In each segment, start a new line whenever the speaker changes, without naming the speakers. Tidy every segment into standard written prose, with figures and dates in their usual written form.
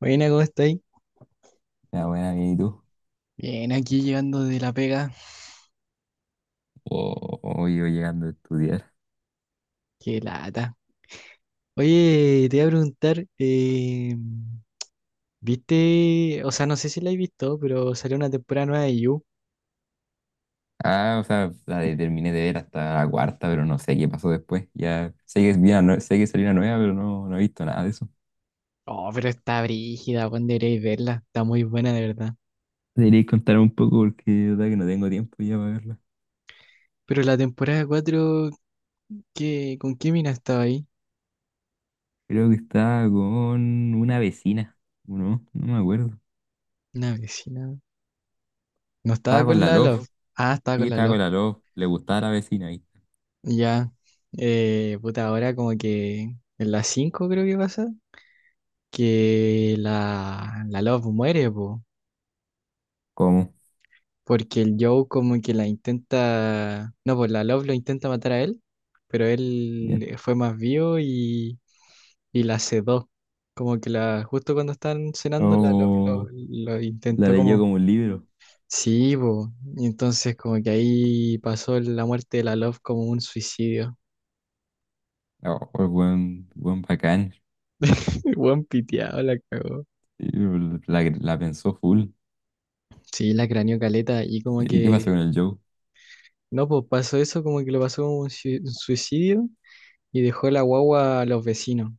Buena, ¿cómo estáis?
Ah, buena, bien, ¿y tú?
Bien, aquí llegando de la pega.
O yo llegando a estudiar.
Qué lata. Oye, te iba a preguntar, ¿viste? O sea, no sé si la he visto, pero salió una temporada nueva de You.
Ah, o sea, terminé de ver hasta la cuarta, pero no sé qué pasó después. Ya sé que, es bien, no, sé que salió una nueva, pero no, no he visto nada de eso.
Oh, pero está brígida, Juan, deberíais verla. Está muy buena, de verdad.
Deberíais contar un poco porque de verdad que no tengo tiempo ya para verla.
Pero la temporada cuatro, ¿qué, con qué mina estaba ahí?
Creo que estaba con una vecina, ¿o no? No me acuerdo.
Una vecina. No estaba
Estaba con
con
la
la Love.
Love.
Ah, estaba
Sí,
con la
estaba
Love.
con la Love. Le gustaba la vecina ahí.
Ya. Puta, ahora como que en la 5 creo que pasa, que la Love muere, pues.
¿Cómo?
Porque el Joe como que la intenta, no, pues la Love lo intenta matar a él, pero él
Bien.
fue más vivo y la sedó. Como que la, justo cuando están cenando, la Love lo,
Oh,
lo
la
intentó
leyó
como,
como un libro.
sí, bo. Y entonces como que ahí pasó la muerte de la Love como un suicidio.
Oh, buen bacán.
El Buen piteado la cagó.
Sí, la pensó full.
Sí, la craneó caleta y como
¿Y qué pasó
que,
con el Joe?
no, pues pasó eso, como que lo pasó como un un suicidio y dejó la guagua a los vecinos.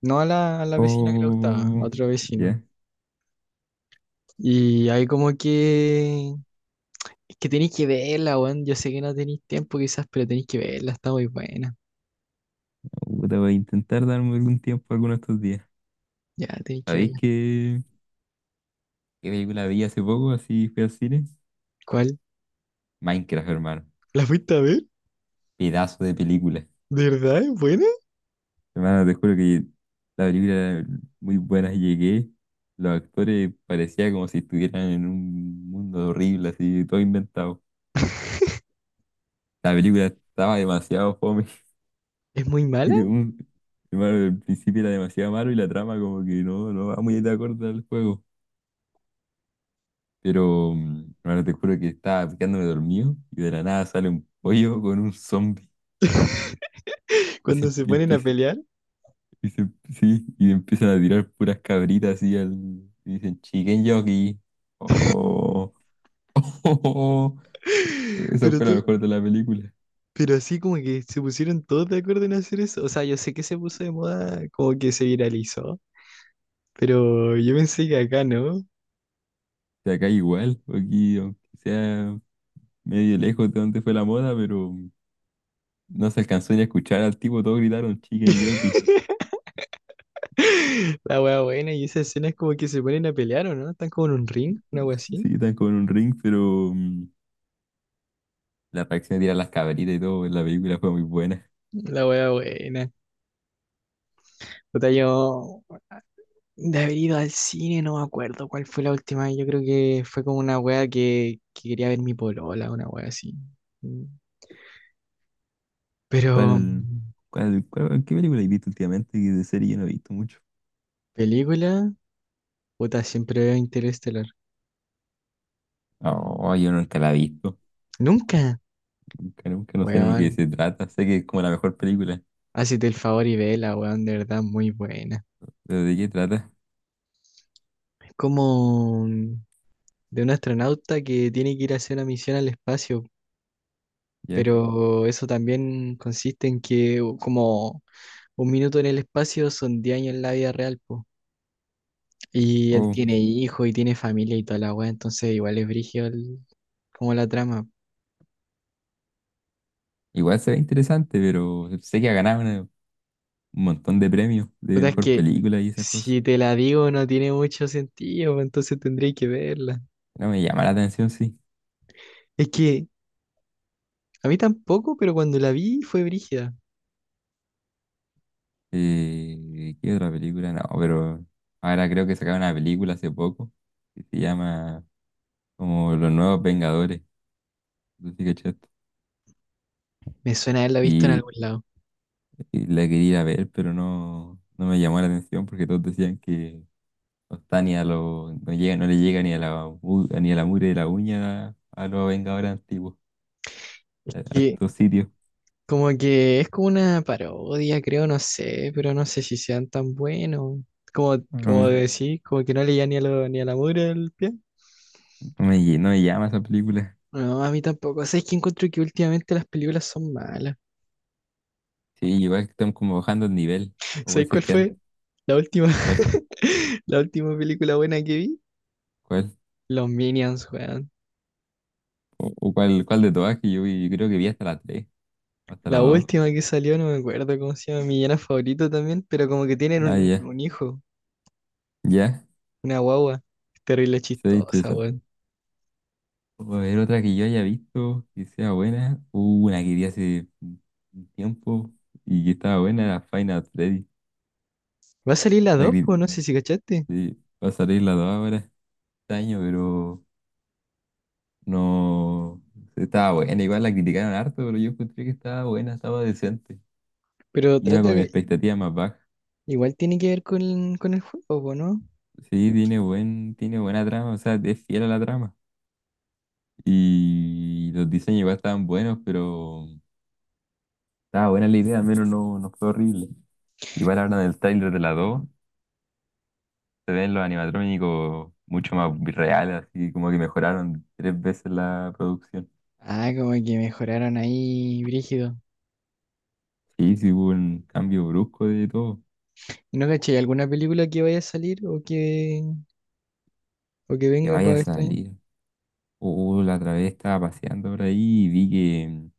No a la vecina que le gustaba, a
Oh,
otro vecino.
ya.
Y ahí como que. Es que tenéis que verla, weón. Yo sé que no tenéis tiempo quizás, pero tenéis que verla, está muy buena.
Puta, voy a intentar darme algún tiempo alguno de estos días.
Ya, tenéis que
¿Sabéis
verla.
qué película vi hace poco? Así fui al cine.
¿Cuál?
Minecraft, hermano.
¿La fuiste a ver?
Pedazo de película.
¿De verdad es buena?
Hermano, te juro que la película era muy buena. Llegué, los actores parecía como si estuvieran en un mundo horrible, así, todo inventado. La película estaba demasiado fome.
¿Es muy
Y
mala?
de un, Hermano, el principio era demasiado malo y la trama como que no, no va muy de acuerdo al juego. Pero ahora te juro que estaba picándome dormido y de la nada sale un pollo con un zombie y se
Cuando se
empie-
ponen a
empieza,
pelear.
y se- sí, y empiezan a tirar puras cabritas así al, y dicen chicken jockey. Oh, esa
Pero
fue la
tú,
mejor de la película.
pero así como que se pusieron todos de acuerdo en hacer eso. O sea, yo sé que se puso de moda, como que se viralizó. Pero yo pensé que acá no.
O sea, acá igual, aquí aunque sea medio lejos de donde fue la moda, pero no se alcanzó ni a escuchar al tipo, todos gritaron chicken jockey.
La wea buena, y esa escena es como que se ponen a pelear, ¿o no? Están como en un ring, una wea así.
Sí, están con un ring, pero la reacción de tirar las cabritas y todo en la película fue muy buena.
La wea buena. Puta, yo de haber ido al cine, no me acuerdo cuál fue la última vez. Yo creo que fue como una wea que quería ver mi polola, una wea así. Mm. Pero,
¿Cuál, qué película has visto últimamente? Que de serie yo no he visto mucho.
película, puta, siempre veo Interestelar.
Oh, yo nunca la he visto.
Nunca,
Nunca, nunca no sé ni de qué
weón.
se trata. Sé que es como la mejor película.
Hacete el favor y vela, weón, de verdad, muy buena.
Pero ¿de qué trata?
Es como de un astronauta que tiene que ir a hacer una misión al espacio,
Ya.
pero eso también consiste en que como un minuto en el espacio son 10 años en la vida real, po. Y él
Oh,
tiene hijos y tiene familia y toda la weá, entonces igual es brígido como la trama.
igual se ve interesante, pero sé que ha ganado un montón de premios de
Puta, es
mejor
que
película y esas cosas.
si te la digo no tiene mucho sentido, entonces tendréis que verla.
No me llama la atención, sí.
Es que a mí tampoco, pero cuando la vi fue brígida.
¿Qué otra película? No, pero ahora creo que sacaron una película hace poco que se llama como Los Nuevos Vengadores. No sé si cachaste.
Me suena haberla visto en algún lado.
Y la quería ir a ver, pero no, no me llamó la atención porque todos decían que no está ni a los, no llega, no le llega ni a la mugre de la uña a los Vengadores antiguos,
Es
a
que
estos sitios.
como que es como una parodia, creo, no sé, pero no sé si sean tan buenos. Como,
No
como Mm,
me,
decir, como que no leía ni a lo, ni a la mugre del pie.
no me llama esa película.
No, a mí tampoco. ¿Sabes que encuentro que últimamente las películas son malas?
Sí, igual que están como bajando el nivel. O puede
¿Sabes
ser
cuál
que antes,
fue la última,
¿cuál,
la última película buena que vi?
cuál?
Los Minions, weón.
O cuál de todas que yo vi? Yo creo que vi hasta la 3 hasta la
La
dos.
última que salió, no me acuerdo cómo se llama, mi villano favorito también, pero como que tienen
Ah,
un,
ya,
un hijo,
ya,
una guagua. Terrible
sí,
chistosa,
interesante.
weón.
O a ver, otra que yo haya visto que sea buena. Hubo una que vi hace un tiempo y que estaba buena, era Final Freddy.
Va a salir la
La
dos,
que
pues, no sé si cachaste.
eh, va a salir la 2 ahora este año, pero no, estaba buena. Igual la criticaron harto, pero yo encontré que estaba buena, estaba decente.
Pero
Iba
trata
con
que
expectativas más bajas.
igual tiene que ver con el juego, po, ¿no?
Sí, tiene buen, tiene buena trama, o sea, es fiel a la trama. Y los diseños igual estaban buenos, pero estaba buena la idea, al menos no, no fue horrible. Igual hablan del tráiler de la 2. Se ven los animatrónicos mucho más reales, así como que mejoraron tres veces la producción.
Ah, como que mejoraron ahí, brígido.
Sí, sí hubo un cambio brusco de todo.
¿Y no caché alguna película que vaya a salir o que
Que
venga
vaya a
para esto año?
salir. La otra vez estaba paseando por ahí y vi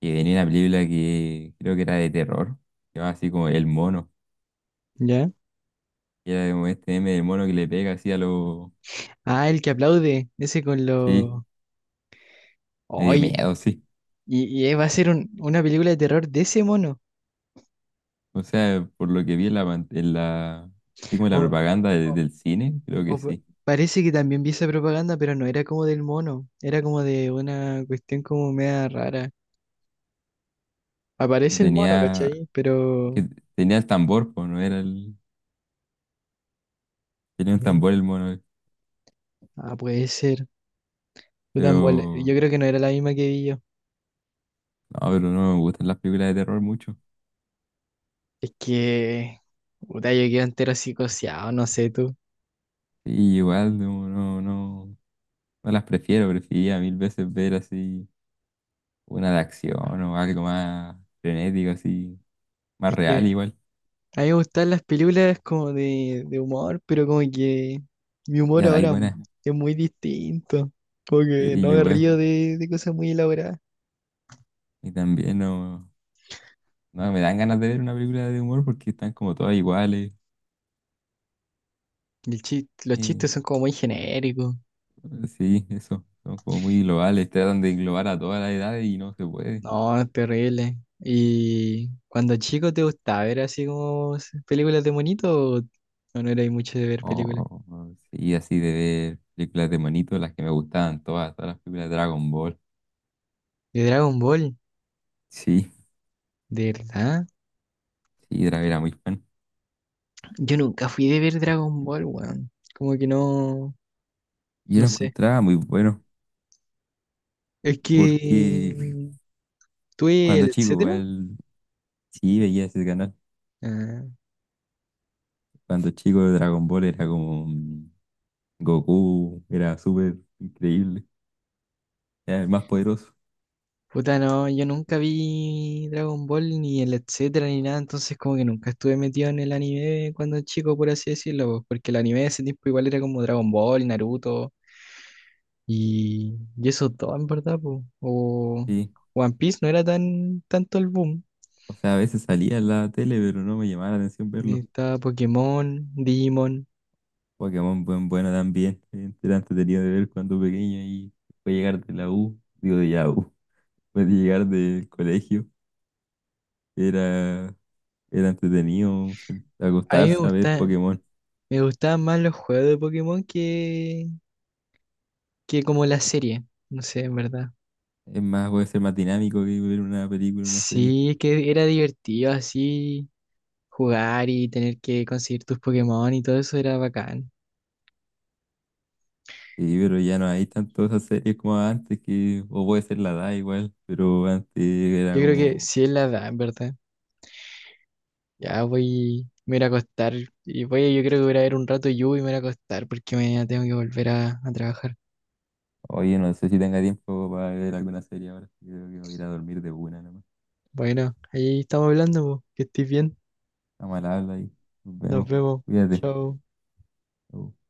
que venía una película que creo que era de terror. Que va así como El Mono.
¿Ya?
Que era como este meme del mono que le pega así a los...
Ah, el que aplaude, ese con
Sí,
los.
me dio
oye
miedo, sí.
y, y eh, va a ser una película de terror de ese mono.
O sea, por lo que vi en la... pan- En la... así como en la
O,
propaganda de-
o-
del cine, creo que
o pa-
sí.
parece que también vi esa propaganda, pero no era como del mono, era como de una cuestión como media rara. Aparece el mono,
Tenía
¿cachai? Pero.
que tenía el tambor, pues no era el. Tenía un tambor el mono,
Ah, puede ser. Puta, en bola.
pero.
Yo creo que no era la misma que vi yo.
No, pero no me gustan las películas de terror mucho.
Es que, puta, yo quedo entero psicoseado, no sé tú.
Sí, igual, no, no, no. No las prefiero, prefería mil veces ver así una de acción o algo más frenético, así, más
Es que
real igual.
a mí me gustan las películas como de humor, pero como que mi humor
Ya no hay
ahora
buenas.
es muy distinto. Como
Sí,
que no
yo
me
igual.
río de cosas muy elaboradas.
Y también no, me dan ganas de ver una película de humor porque están como todas iguales.
Y los
Eh,
chistes son como muy genéricos.
sí, eso. Son como muy globales. Tratan de englobar a toda la edad y no se puede.
No, es terrible. ¿Y cuando chico te gustaba ver así como películas de monito o no erais mucho de ver películas?
Oh, sí, así de ver películas de monito, las que me gustaban todas, todas las películas de Dragon Ball.
De Dragon Ball,
Sí,
¿de verdad?
sí, era muy fan.
Yo nunca fui de ver Dragon Ball, weón. Como que no,
Yo
no
lo
sé.
encontraba muy bueno,
Es
porque
que tuve
cuando
el
chico,
etcétera.
igual, sí veía ese canal.
Ah,
Cuando chico, Dragon Ball era como Goku, era súper increíble, era el más poderoso.
puta, no, yo nunca vi Dragon Ball ni el etcétera ni nada, entonces como que nunca estuve metido en el anime cuando chico, por así decirlo, po, porque el anime de ese tiempo igual era como Dragon Ball, Naruto y eso todo, en verdad, po. O
Sí,
One Piece no era tan tanto el boom.
o sea, a veces salía en la tele, pero no me llamaba la atención verlo.
Estaba Pokémon, Digimon.
Pokémon, bueno también, era entretenido de ver cuando pequeño y fue llegar de la U, digo de Yahoo. Después de llegar del colegio, era, era, entretenido
A mí me
acostarse a ver
gusta,
Pokémon.
Me gustaban más los juegos de Pokémon que como la serie. No sé, en verdad.
Es más, puede ser más dinámico que ver una película, una serie.
Sí, que era divertido así jugar y tener que conseguir tus Pokémon y todo eso era bacán.
Sí, pero ya no hay tanto esas series como antes, que, o puede ser la edad igual, pero antes era
Yo creo que
como,
sí es la edad, en verdad. Ya voy, me voy a ir a acostar y voy, yo creo que voy a ir a ver un rato Yu y me voy a ir a acostar porque mañana tengo que volver a trabajar.
oye, no sé si tenga tiempo para ver alguna serie ahora. Yo creo que voy a ir a dormir de una nomás.
Bueno, ahí estamos hablando, po. Que estés bien.
Estamos mal habla y nos
Nos
vemos.
vemos.
Cuídate.
Chao.
Chau.